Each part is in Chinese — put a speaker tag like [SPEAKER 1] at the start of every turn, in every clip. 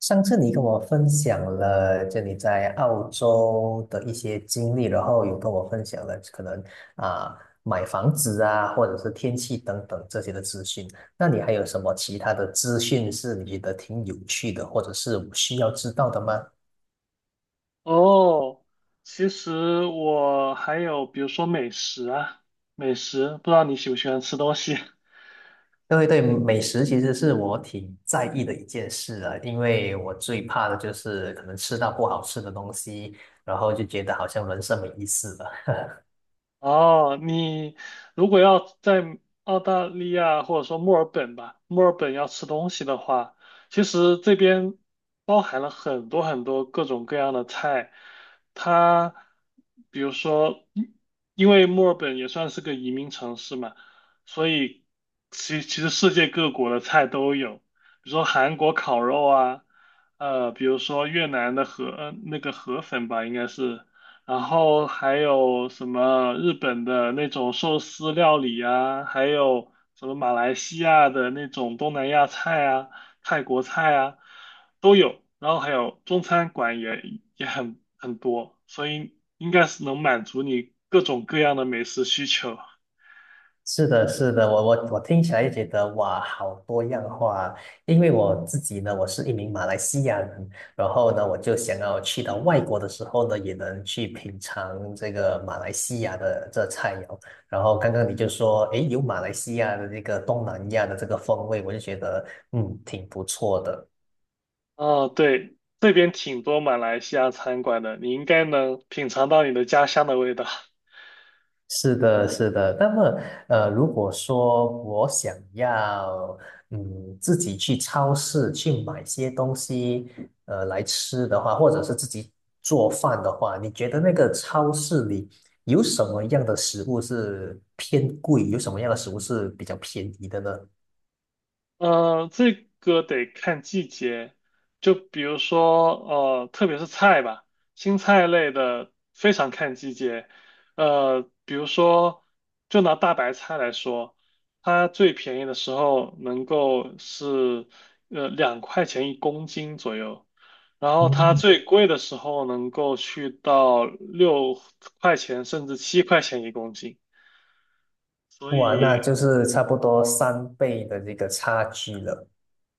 [SPEAKER 1] 上次你跟我分享了，就你在澳洲的一些经历，然后有跟我分享了可能啊、买房子啊，或者是天气等等这些的资讯。那你还有什么其他的资讯是你觉得挺有趣的，或者是我需要知道的吗？
[SPEAKER 2] 哦，其实我还有，比如说美食啊，不知道你喜不喜欢吃东西。
[SPEAKER 1] 对对，美食其实是我挺在意的一件事啊，因为我最怕的就是可能吃到不好吃的东西，然后就觉得好像人生没意思了。
[SPEAKER 2] 哦，你如果要在澳大利亚或者说墨尔本吧，墨尔本要吃东西的话，其实这边包含了很多很多各种各样的菜。它比如说，因为墨尔本也算是个移民城市嘛，所以其实世界各国的菜都有，比如说韩国烤肉啊，比如说越南的那个河粉吧，应该是。然后还有什么日本的那种寿司料理啊，还有什么马来西亚的那种东南亚菜啊、泰国菜啊，都有。然后还有中餐馆也很多，所以应该是能满足你各种各样的美食需求。
[SPEAKER 1] 是的，是的，我听起来就觉得哇，好多样化啊。因为我自己呢，我是一名马来西亚人，然后呢，我就想要去到外国的时候呢，也能去品尝这个马来西亚的这菜肴。然后刚刚你就说，诶，有马来西亚的这个东南亚的这个风味，我就觉得嗯，挺不错的。
[SPEAKER 2] 哦，对，这边挺多马来西亚餐馆的，你应该能品尝到你的家乡的味道。
[SPEAKER 1] 是的，是的。那么，如果说我想要，嗯，自己去超市去买些东西，来吃的话，或者是自己做饭的话，你觉得那个超市里有什么样的食物是偏贵，有什么样的食物是比较便宜的呢？
[SPEAKER 2] 这个得看季节，就比如说，特别是菜吧，青菜类的非常看季节。比如说，就拿大白菜来说，它最便宜的时候能够是2块钱一公斤左右，然后它
[SPEAKER 1] 嗯，
[SPEAKER 2] 最贵的时候能够去到6块钱甚至7块钱一公斤。
[SPEAKER 1] 哇，那就是差不多三倍的这个差距了。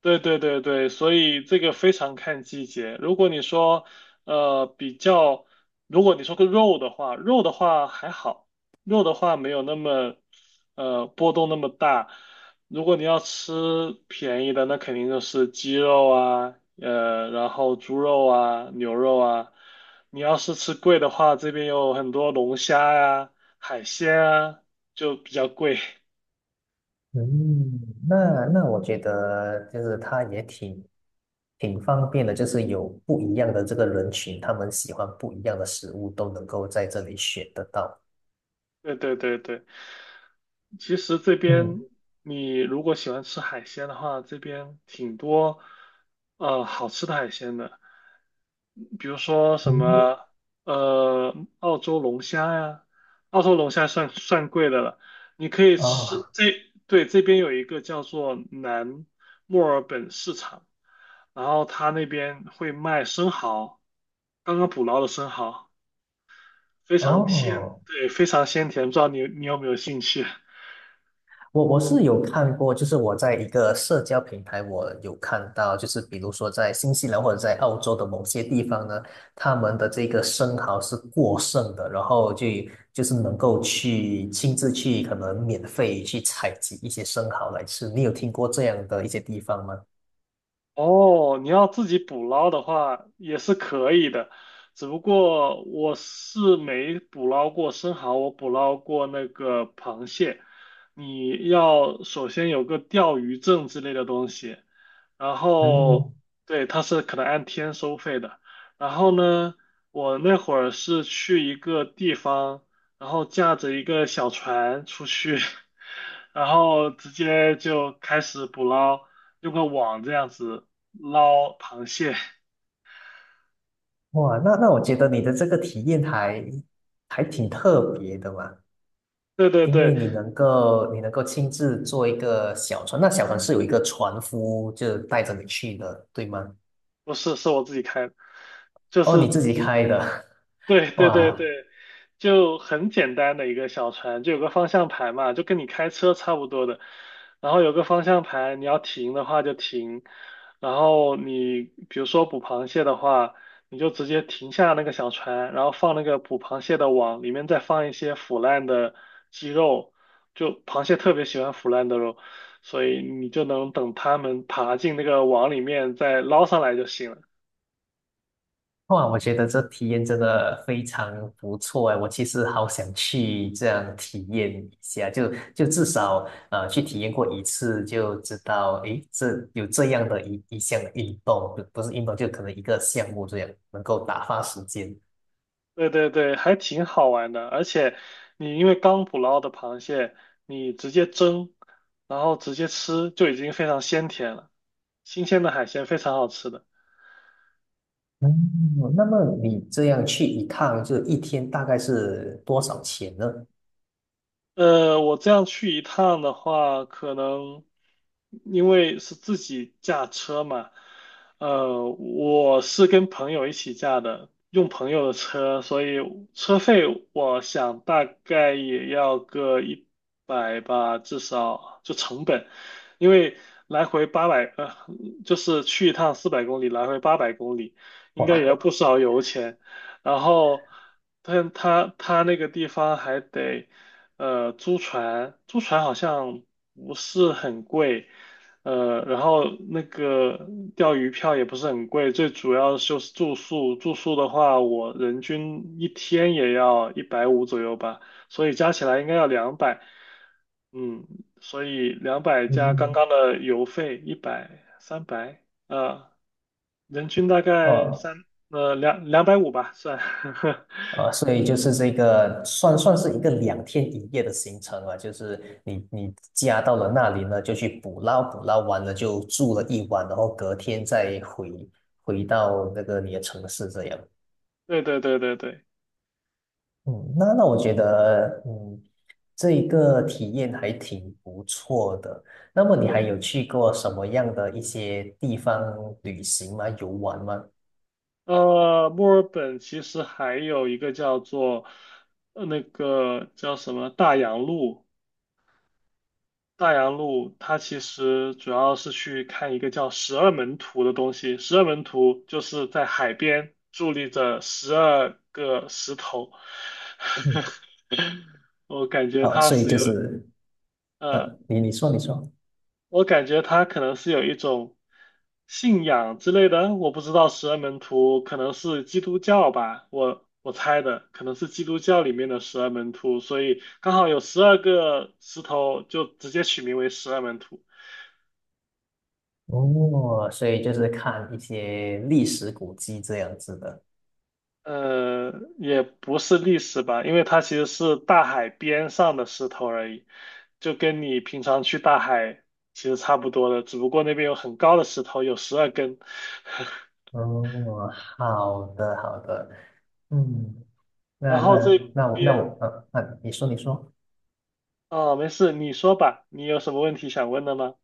[SPEAKER 2] 对对对对，所以这个非常看季节。如果你说，比较，如果你说个肉的话，肉的话还好，肉的话没有那么，波动那么大。如果你要吃便宜的，那肯定就是鸡肉啊，然后猪肉啊，牛肉啊。你要是吃贵的话，这边有很多龙虾呀、海鲜啊，就比较贵。
[SPEAKER 1] 嗯，那那我觉得就是它也挺方便的，就是有不一样的这个人群，他们喜欢不一样的食物，都能够在这里选得到。
[SPEAKER 2] 对对对对，其实这边
[SPEAKER 1] 嗯
[SPEAKER 2] 你如果喜欢吃海鲜的话，这边挺多好吃的海鲜的，比如说什
[SPEAKER 1] 嗯，
[SPEAKER 2] 么澳洲龙虾呀，澳洲龙虾算贵的了，你可以
[SPEAKER 1] 哦
[SPEAKER 2] 吃这对，这边有一个叫做南墨尔本市场，然后他那边会卖生蚝，刚刚捕捞的生蚝。非常甜，
[SPEAKER 1] 哦，
[SPEAKER 2] 对，非常鲜甜，不知道你有没有兴趣？
[SPEAKER 1] 我是有看过，就是我在一个社交平台，我有看到，就是比如说在新西兰或者在澳洲的某些地方呢，他们的这个生蚝是过剩的，然后就就是能够去亲自去可能免费去采集一些生蚝来吃。你有听过这样的一些地方吗？
[SPEAKER 2] 哦，你要自己捕捞的话也是可以的，只不过我是没捕捞过生蚝，我捕捞过那个螃蟹。你要首先有个钓鱼证之类的东西，然
[SPEAKER 1] 嗯，
[SPEAKER 2] 后对，它是可能按天收费的。然后呢，我那会儿是去一个地方，然后驾着一个小船出去，然后直接就开始捕捞，用个网这样子捞螃蟹。
[SPEAKER 1] 哇，那我觉得你的这个体验还挺特别的嘛。
[SPEAKER 2] 对对
[SPEAKER 1] 因为
[SPEAKER 2] 对，
[SPEAKER 1] 你能够亲自坐一个小船，那小船是有一个船夫就带着你去的，对吗？
[SPEAKER 2] 不是，是我自己开的，就
[SPEAKER 1] 哦，
[SPEAKER 2] 是
[SPEAKER 1] 你自己
[SPEAKER 2] 直
[SPEAKER 1] 开的，
[SPEAKER 2] 对 对对
[SPEAKER 1] 哇
[SPEAKER 2] 对，就很简单的一个小船，就有个方向盘嘛，就跟你开车差不多的。然后有个方向盘，你要停的话就停。然后你比如说捕螃蟹的话，你就直接停下那个小船，然后放那个捕螃蟹的网，里面再放一些腐烂的鸡肉，就螃蟹特别喜欢腐烂的肉，所以你就能等它们爬进那个网里面再捞上来就行了。
[SPEAKER 1] 哇，我觉得这体验真的非常不错哎，我其实好想去这样体验一下，就至少去体验过一次就知道，诶，这有这样的一项运动，不是运动，就可能一个项目这样能够打发时间。
[SPEAKER 2] 对对对，还挺好玩的。而且你因为刚捕捞的螃蟹，你直接蒸，然后直接吃就已经非常鲜甜了。新鲜的海鲜非常好吃的。
[SPEAKER 1] 嗯，那么你这样去一趟，就一天大概是多少钱呢？
[SPEAKER 2] 我这样去一趟的话，可能因为是自己驾车嘛，我是跟朋友一起驾的，用朋友的车，所以车费我想大概也要个一百吧，至少就成本，因为来回八百，就是去一趟400公里，来回800公里，应该也
[SPEAKER 1] 哇，
[SPEAKER 2] 要不少油钱，然后他那个地方还得。租船好像不是很贵，然后那个钓鱼票也不是很贵，最主要就是住宿，住宿的话，我人均一天也要150左右吧，所以加起来应该要两百，嗯，所以两百加刚
[SPEAKER 1] 嗯，
[SPEAKER 2] 刚的油费一百300，呃，人均大概
[SPEAKER 1] 哦，
[SPEAKER 2] 两百五吧，算，
[SPEAKER 1] 所以就是这个算是一个两天一夜的行程啊，就是你你家到了那里呢，就去捕捞，捕捞完了就住了一晚，然后隔天再回到那个你的城市这样。
[SPEAKER 2] 对对对对对。
[SPEAKER 1] 嗯，那那我觉得，嗯，这一个体验还挺不错的。那么你还
[SPEAKER 2] 对，
[SPEAKER 1] 有去过什么样的一些地方旅行吗？游玩吗？
[SPEAKER 2] 墨尔本其实还有一个叫做，那个叫什么大洋路，大洋路它其实主要是去看一个叫十二门徒的东西。十二门徒就是在海边伫立着十二个石头，
[SPEAKER 1] 嗯，
[SPEAKER 2] 我感觉
[SPEAKER 1] 哦，
[SPEAKER 2] 它
[SPEAKER 1] 所以
[SPEAKER 2] 是
[SPEAKER 1] 就
[SPEAKER 2] 有，
[SPEAKER 1] 是，呃，
[SPEAKER 2] 呃，
[SPEAKER 1] 你说。
[SPEAKER 2] 我感觉他可能是有一种信仰之类的，我不知道十二门徒可能是基督教吧，我猜的可能是基督教里面的十二门徒，所以刚好有十二个石头，就直接取名为十二门徒。
[SPEAKER 1] 哦，所以就是看一些历史古迹这样子的。
[SPEAKER 2] 呃，也不是历史吧，因为它其实是大海边上的石头而已，就跟你平常去大海其实差不多的，只不过那边有很高的石头，有12根。
[SPEAKER 1] 哦，好的好的，嗯，那
[SPEAKER 2] 然
[SPEAKER 1] 那
[SPEAKER 2] 后这
[SPEAKER 1] 那我那
[SPEAKER 2] 边
[SPEAKER 1] 我呃，那你说你说。
[SPEAKER 2] 哦，没事，你说吧，你有什么问题想问的吗？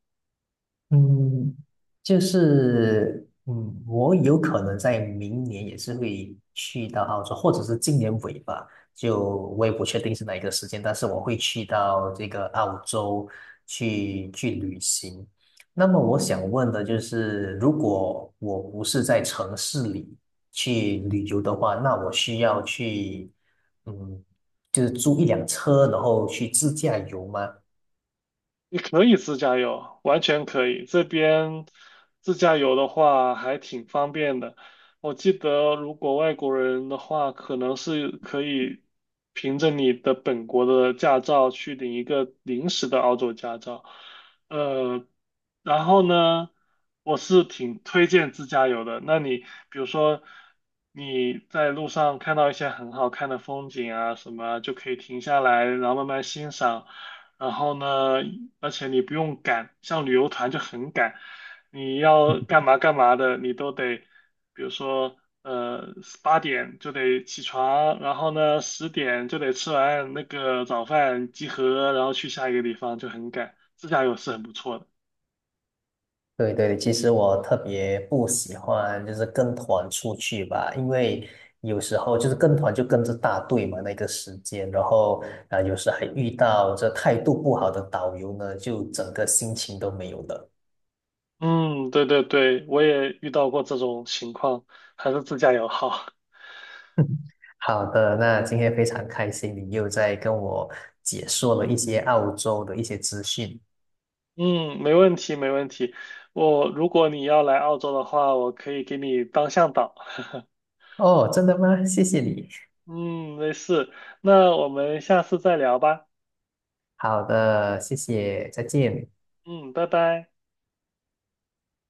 [SPEAKER 1] 嗯，就是嗯，我有可能在明年也是会去到澳洲，或者是今年尾吧，就我也不确定是哪一个时间，但是我会去到这个澳洲去旅行。那么我想问的就是，如果我不是在城市里去旅游的话，那我需要去嗯，就是租一辆车，然后去自驾游吗？
[SPEAKER 2] 你可以自驾游，完全可以。这边自驾游的话还挺方便的。我记得，如果外国人的话，可能是可以凭着你的本国的驾照去领一个临时的澳洲驾照。呃，然后呢，我是挺推荐自驾游的。那你比如说你在路上看到一些很好看的风景啊什么啊就可以停下来，然后慢慢欣赏。然后呢，而且你不用赶，像旅游团就很赶，你要干嘛干嘛的，你都得，比如说，呃，8点就得起床，然后呢，10点就得吃完那个早饭集合，然后去下一个地方，就很赶。自驾游是很不错的。
[SPEAKER 1] 对对，其实我特别不喜欢就是跟团出去吧，因为有时候就是跟团就跟着大队嘛，那个时间，然后有时还遇到这态度不好的导游呢，就整个心情都没有了。
[SPEAKER 2] 嗯，对对对，我也遇到过这种情况，还是自驾游好。
[SPEAKER 1] 好的，那今天非常开心，你又在跟我解说了一些澳洲的一些资讯。
[SPEAKER 2] 嗯，没问题没问题。我如果你要来澳洲的话，我可以给你当向导。
[SPEAKER 1] 哦，真的吗？谢谢你。
[SPEAKER 2] 嗯，没事，那我们下次再聊吧。
[SPEAKER 1] 好的，谢谢，再见。
[SPEAKER 2] 嗯，拜拜。